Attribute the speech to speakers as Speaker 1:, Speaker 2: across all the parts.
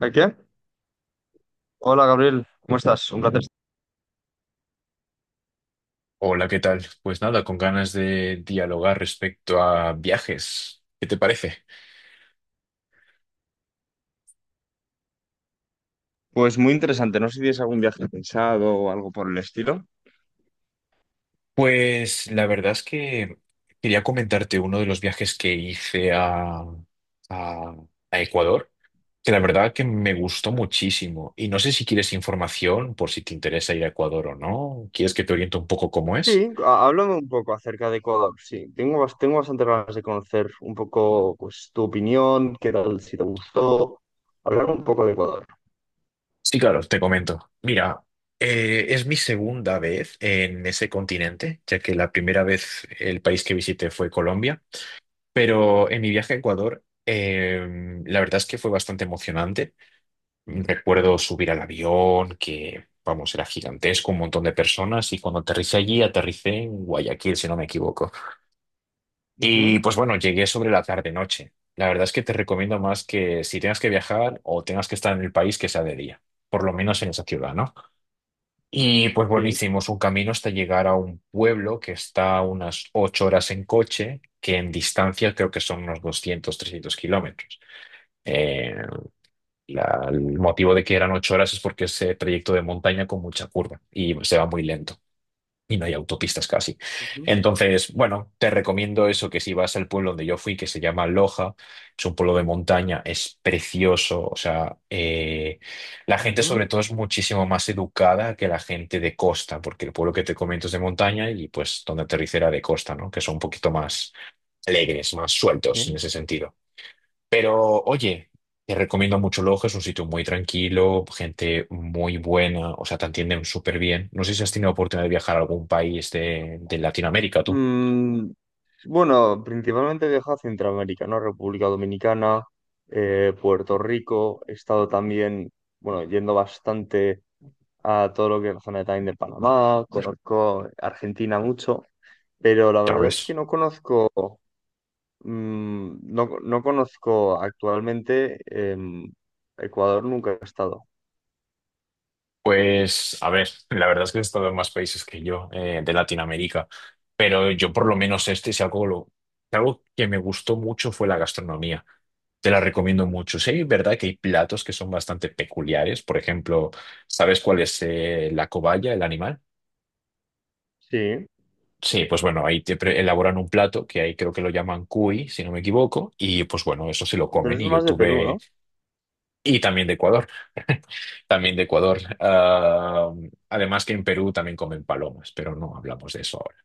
Speaker 1: ¿A qué? Hola Gabriel, ¿cómo estás? Un placer.
Speaker 2: Hola, ¿qué tal? Pues nada, con ganas de dialogar respecto a viajes. ¿Qué te parece?
Speaker 1: Pues muy interesante. No sé si tienes algún viaje pensado o algo por el estilo.
Speaker 2: Pues la verdad es que quería comentarte uno de los viajes que hice a, a Ecuador, que la verdad que me gustó muchísimo. Y no sé si quieres información por si te interesa ir a Ecuador o no. ¿Quieres que te oriente un poco cómo es?
Speaker 1: Sí, háblame un poco acerca de Ecuador. Sí, tengo, tengo bastante ganas de conocer un poco pues, tu opinión, qué tal, si te gustó. Hablar un poco de Ecuador.
Speaker 2: Sí, claro, te comento. Mira, es mi segunda vez en ese continente, ya que la primera vez el país que visité fue Colombia. Pero en mi viaje a Ecuador, la verdad es que fue bastante emocionante. Recuerdo subir al avión, que, vamos, era gigantesco, un montón de personas, y cuando aterricé allí, aterricé en Guayaquil, si no me equivoco. Y
Speaker 1: Ujú.
Speaker 2: pues bueno, llegué sobre la tarde-noche. La verdad es que te recomiendo más que si tengas que viajar o tengas que estar en el país, que sea de día, por lo menos en esa ciudad, ¿no? Y pues bueno,
Speaker 1: Sí.
Speaker 2: hicimos un camino hasta llegar a un pueblo que está a unas 8 horas en coche, que en distancia creo que son unos 200 300 kilómetros. Eh, el motivo de que eran 8 horas es porque es trayecto de montaña con mucha curva y se va muy lento y no hay autopistas casi.
Speaker 1: Ujú,
Speaker 2: Entonces, bueno, te recomiendo eso, que si vas al pueblo donde yo fui, que se llama Loja, es un pueblo de montaña, es precioso, o sea, la gente
Speaker 1: ujú.
Speaker 2: sobre todo es muchísimo más educada que la gente de costa, porque el pueblo que te comento es de montaña y pues donde aterricera de costa, ¿no? Que son un poquito más alegres, más sueltos en
Speaker 1: Sí.
Speaker 2: ese sentido. Pero oye, te recomiendo mucho Loja, es un sitio muy tranquilo, gente muy buena, o sea, te atienden súper bien. No sé si has tenido oportunidad de viajar a algún país de Latinoamérica, tú.
Speaker 1: Mm, bueno, principalmente he viajado a Centroamérica, ¿no? República Dominicana, Puerto Rico. He estado también, bueno, yendo bastante a todo lo que es la zona de también de Panamá, conozco Argentina mucho, pero la
Speaker 2: Ya
Speaker 1: verdad es que
Speaker 2: ves.
Speaker 1: no conozco, mm, no, no conozco actualmente Ecuador, nunca he estado.
Speaker 2: Pues, a ver, la verdad es que he estado en más países que yo de Latinoamérica, pero yo por lo menos este, si algo, si algo que me gustó mucho fue la gastronomía. Te la recomiendo mucho. Sí, es verdad que hay platos que son bastante peculiares. Por ejemplo, ¿sabes cuál es la cobaya, el animal?
Speaker 1: Sí,
Speaker 2: Sí, pues bueno, ahí elaboran un plato que ahí creo que lo llaman cuy, si no me equivoco, y pues bueno, eso se lo
Speaker 1: pero
Speaker 2: comen
Speaker 1: eso
Speaker 2: y
Speaker 1: es
Speaker 2: yo
Speaker 1: más de Perú,
Speaker 2: tuve,
Speaker 1: ¿no?
Speaker 2: y también de Ecuador, también de Ecuador. Ah, además que en Perú también comen palomas, pero no hablamos de eso ahora.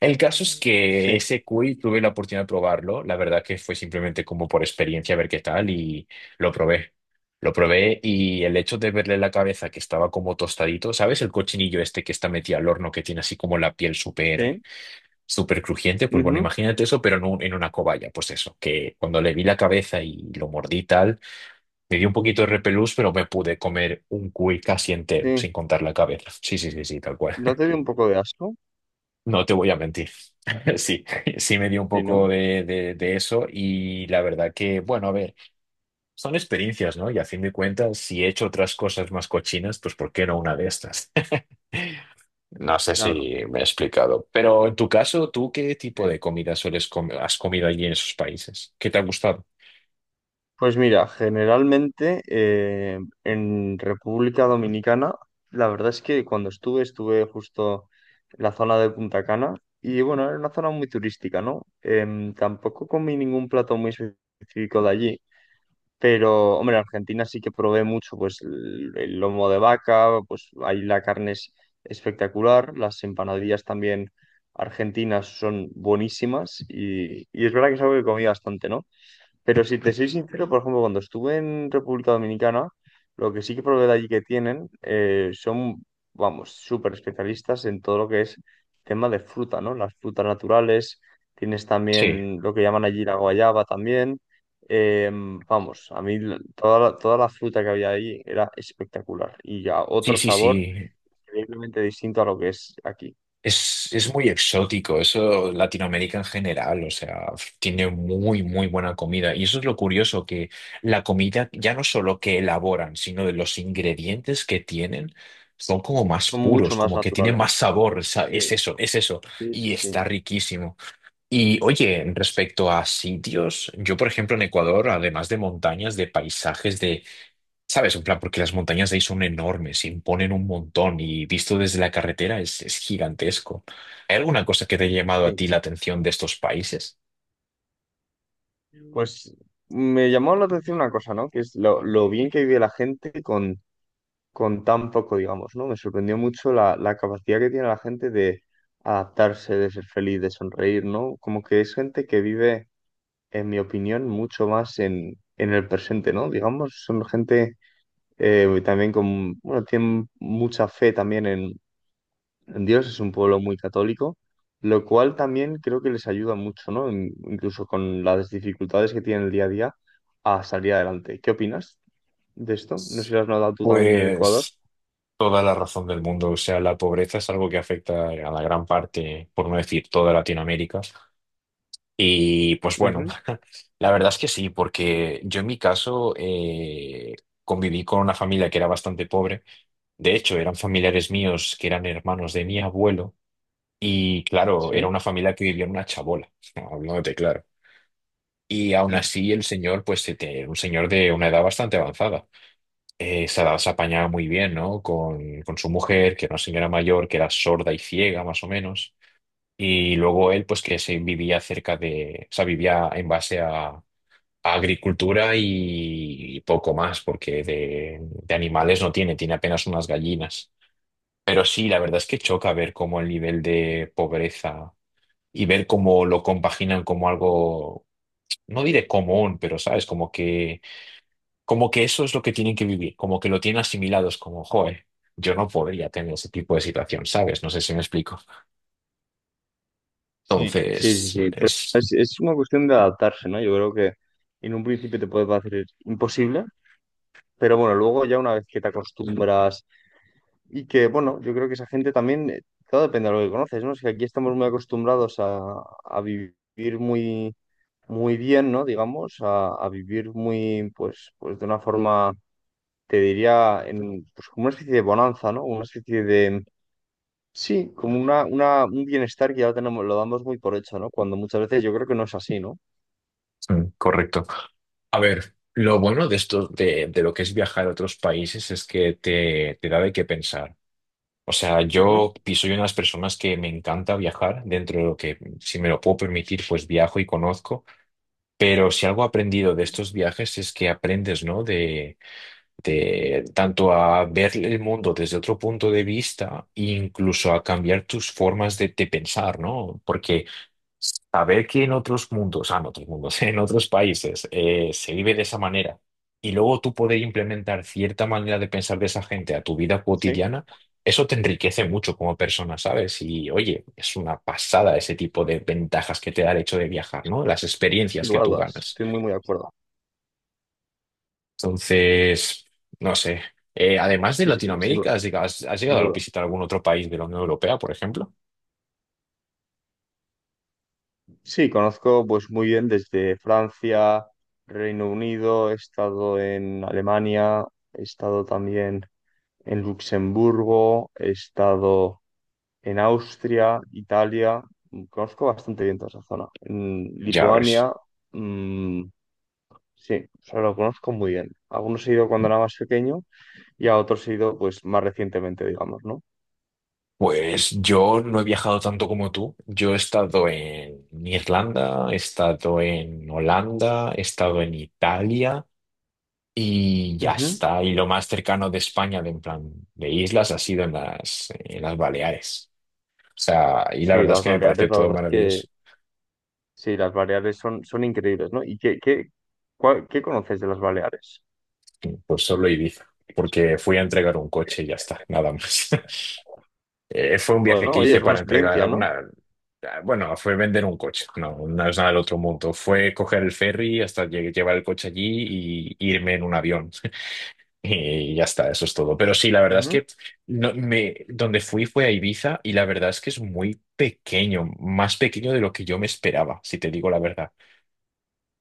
Speaker 2: El caso es que
Speaker 1: Sí,
Speaker 2: ese cuy tuve la oportunidad de probarlo, la verdad que fue simplemente como por experiencia a ver qué tal y lo probé. Lo probé y el hecho de verle la cabeza que estaba como tostadito, ¿sabes? El cochinillo este que está metido al horno, que tiene así como la piel súper
Speaker 1: sí,
Speaker 2: súper crujiente, pues bueno,
Speaker 1: ujú,
Speaker 2: imagínate eso, pero en una cobaya, pues eso, que cuando le vi la cabeza y lo mordí y tal, me dio un poquito de repelús, pero me pude comer un cuy casi entero,
Speaker 1: sí.
Speaker 2: sin contar la cabeza. Sí, sí, sí, sí, tal cual.
Speaker 1: ¿No te dio un poco de asco?
Speaker 2: No te voy a mentir. Sí, sí me dio un
Speaker 1: Sí,
Speaker 2: poco
Speaker 1: ¿no?
Speaker 2: de eso y la verdad que, bueno, a ver, son experiencias, ¿no? Y a fin de cuentas, si he hecho otras cosas más cochinas, pues ¿por qué no una de estas? No sé si
Speaker 1: Claro.
Speaker 2: me he explicado, pero en tu caso, ¿tú qué tipo de comida sueles comer, has comido allí en esos países? ¿Qué te ha gustado?
Speaker 1: Pues mira, generalmente en República Dominicana, la verdad es que cuando estuve, estuve justo en la zona de Punta Cana y bueno, era una zona muy turística, ¿no? Tampoco comí ningún plato muy específico de allí, pero hombre, en Argentina sí que probé mucho, pues el lomo de vaca, pues ahí la carne es espectacular, las empanadillas también argentinas son buenísimas y es verdad que es algo que comí bastante, ¿no? Pero si te soy sincero, por ejemplo, cuando estuve en República Dominicana, lo que sí que probé de allí que tienen son, vamos, súper especialistas en todo lo que es tema de fruta, ¿no? Las frutas naturales, tienes
Speaker 2: Sí,
Speaker 1: también lo que llaman allí la guayaba también. Vamos, toda toda la fruta que había ahí era espectacular y ya
Speaker 2: sí,
Speaker 1: otro
Speaker 2: sí,
Speaker 1: sabor
Speaker 2: sí.
Speaker 1: increíblemente distinto a lo que es aquí.
Speaker 2: Es muy exótico, eso Latinoamérica en general, o sea, tiene muy, muy buena comida. Y eso es lo curioso, que la comida ya no solo que elaboran, sino de los ingredientes que tienen, son como más
Speaker 1: Son mucho
Speaker 2: puros,
Speaker 1: más
Speaker 2: como que tienen más
Speaker 1: naturales.
Speaker 2: sabor, o sea,
Speaker 1: Sí,
Speaker 2: es eso, es eso.
Speaker 1: sí,
Speaker 2: Y
Speaker 1: sí, sí.
Speaker 2: está riquísimo. Y oye, respecto a sitios, yo por ejemplo en Ecuador, además de montañas, de paisajes, de, ¿sabes? En plan, porque las montañas de ahí son enormes, imponen un montón y visto desde la carretera es gigantesco. ¿Hay alguna cosa que te haya llamado a
Speaker 1: Sí.
Speaker 2: ti la atención de estos países?
Speaker 1: Pues me llamó la atención una cosa, ¿no? Que es lo bien que vive la gente con tan poco, digamos, ¿no? Me sorprendió mucho la capacidad que tiene la gente de adaptarse, de ser feliz, de sonreír, ¿no? Como que es gente que vive, en mi opinión, mucho más en el presente, ¿no? Digamos, son gente también con, bueno, tienen mucha fe también en, Dios es un pueblo muy católico, lo cual también creo que les ayuda mucho, ¿no? Incluso con las dificultades que tienen el día a día a salir adelante. ¿Qué opinas de esto? No sé si lo has notado tú también en Ecuador.
Speaker 2: Pues toda la razón del mundo, o sea, la pobreza es algo que afecta a la gran parte, por no decir toda Latinoamérica. Y pues bueno,
Speaker 1: Ujú.
Speaker 2: la verdad es que sí, porque yo en mi caso conviví con una familia que era bastante pobre. De hecho, eran familiares míos que eran hermanos de mi abuelo. Y claro, era
Speaker 1: Sí.
Speaker 2: una familia que vivía en una chabola, hablándote claro. Y aún
Speaker 1: Claro.
Speaker 2: así el señor, pues un señor de una edad bastante avanzada. Esa se apañaba muy bien, ¿no? Con su mujer, que era una señora mayor, que era sorda y ciega, más o menos. Y luego él, pues que se vivía cerca de, o sea, vivía en base a agricultura y poco más, porque de animales no tiene, tiene apenas unas gallinas. Pero sí, la verdad es que choca ver cómo el nivel de pobreza y ver cómo lo compaginan como algo, no diré común, pero sabes, como que eso es lo que tienen que vivir, como que lo tienen asimilados, como, joe, yo no podría tener ese tipo de situación, ¿sabes? No sé si me explico.
Speaker 1: Sí. Sí, sí,
Speaker 2: Entonces,
Speaker 1: sí. Pero
Speaker 2: es
Speaker 1: es una cuestión de adaptarse, ¿no? Yo creo que en un principio te puede parecer imposible, pero bueno, luego ya una vez que te acostumbras y que, bueno, yo creo que esa gente también, todo depende de lo que conoces, ¿no? Es que aquí estamos muy acostumbrados a vivir muy muy bien, ¿no? Digamos, a vivir muy, pues, pues de una forma, te diría, en, pues como una especie de bonanza, ¿no? Una especie de, sí, como una, un bienestar que ya tenemos, lo damos muy por hecho, ¿no? Cuando muchas veces yo creo que no es así, ¿no?
Speaker 2: mm, correcto. A ver, lo bueno de esto, de lo que es viajar a otros países es que te da de qué pensar. O sea,
Speaker 1: Ujú.
Speaker 2: yo y soy una de las personas que me encanta viajar, dentro de lo que, si me lo puedo permitir, pues viajo y conozco. Pero si algo he aprendido de estos viajes es que aprendes, ¿no? De tanto a ver el mundo desde otro punto de vista, e incluso a cambiar tus formas de pensar, ¿no? Porque saber que en otros mundos, ah, en otros mundos, en otros países se vive de esa manera y luego tú poder implementar cierta manera de pensar de esa gente a tu vida
Speaker 1: Sí,
Speaker 2: cotidiana, eso te enriquece mucho como persona, ¿sabes? Y oye, es una pasada ese tipo de ventajas que te da el hecho de viajar, ¿no? Las
Speaker 1: sin
Speaker 2: experiencias que
Speaker 1: lugar a
Speaker 2: tú
Speaker 1: dudas,
Speaker 2: ganas.
Speaker 1: estoy muy, muy de acuerdo.
Speaker 2: Entonces, no sé. Además de
Speaker 1: Sí, sí, sí, sin duda,
Speaker 2: Latinoamérica, has
Speaker 1: sin
Speaker 2: llegado a
Speaker 1: duda.
Speaker 2: visitar algún otro país de la Unión Europea, por ejemplo?
Speaker 1: Sí, conozco pues muy bien desde Francia, Reino Unido, he estado en Alemania, he estado también en Luxemburgo, he estado en Austria, Italia, mm, conozco bastante bien toda esa zona. En
Speaker 2: Ya ves.
Speaker 1: Lituania, mm, sí, o sea, lo conozco muy bien. A algunos he ido cuando era más pequeño y a otros he ido pues más recientemente, digamos, ¿no?
Speaker 2: Pues yo no he viajado tanto como tú. Yo he estado en Irlanda, he estado en Holanda, he estado en Italia y ya
Speaker 1: Ujú.
Speaker 2: está. Y lo más cercano de España, de en plan de islas, ha sido en las Baleares. O sea, y la
Speaker 1: Sí,
Speaker 2: verdad es
Speaker 1: las
Speaker 2: que me parece
Speaker 1: Baleares, la
Speaker 2: todo
Speaker 1: verdad es que
Speaker 2: maravilloso.
Speaker 1: sí, las Baleares son, son increíbles, ¿no? ¿Y qué, qué, qué conoces de las Baleares?
Speaker 2: Pues solo Ibiza, porque fui a entregar un coche y ya está, nada más. Fue un viaje
Speaker 1: Bueno,
Speaker 2: que
Speaker 1: oye,
Speaker 2: hice
Speaker 1: es buena
Speaker 2: para
Speaker 1: experiencia,
Speaker 2: entregar
Speaker 1: ¿no?
Speaker 2: una... Bueno, fue vender un coche, no, no es nada del otro mundo. Fue coger el ferry hasta llevar el coche allí y irme en un avión. Y ya está, eso es todo. Pero sí, la verdad es
Speaker 1: Ujú.
Speaker 2: que no, me, donde fui fue a Ibiza y la verdad es que es muy pequeño, más pequeño de lo que yo me esperaba, si te digo la verdad.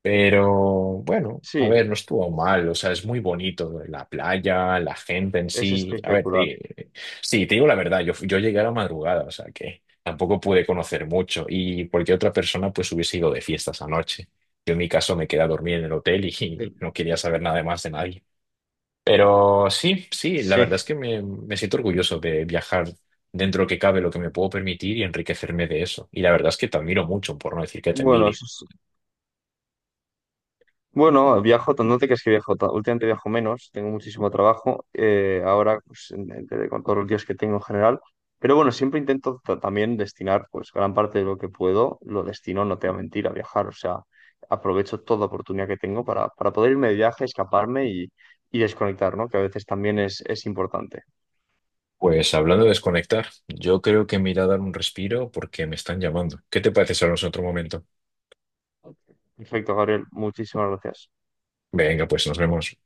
Speaker 2: Pero bueno, a
Speaker 1: Sí,
Speaker 2: ver, no estuvo mal, o sea, es muy bonito, la playa, la gente en
Speaker 1: es
Speaker 2: sí. A ver,
Speaker 1: espectacular.
Speaker 2: sí, te digo la verdad, yo llegué a la madrugada, o sea, que tampoco pude conocer mucho y cualquier otra persona pues hubiese ido de fiestas anoche. Yo en mi caso me quedé a dormir en el hotel
Speaker 1: Sí.
Speaker 2: y no quería saber nada más de nadie. Pero sí, sí, la
Speaker 1: Sí.
Speaker 2: verdad es que me siento orgulloso de viajar dentro que cabe lo que me puedo permitir y enriquecerme de eso. Y la verdad es que te admiro mucho, por no decir que te
Speaker 1: Bueno,
Speaker 2: envidio.
Speaker 1: eso es, bueno, viajo, no te creas que viajo, últimamente viajo menos, tengo muchísimo trabajo, ahora pues, con todos los días que tengo en general, pero bueno, siempre intento también destinar pues gran parte de lo que puedo, lo destino, no te voy a mentir, a viajar, o sea, aprovecho toda oportunidad que tengo para poder irme de viaje, escaparme y desconectar, ¿no? Que a veces también es importante.
Speaker 2: Pues hablando de desconectar, yo creo que me iré a dar un respiro porque me están llamando. ¿Qué te parece si hablamos en otro momento?
Speaker 1: Perfecto, Gabriel, muchísimas gracias.
Speaker 2: Venga, pues nos vemos.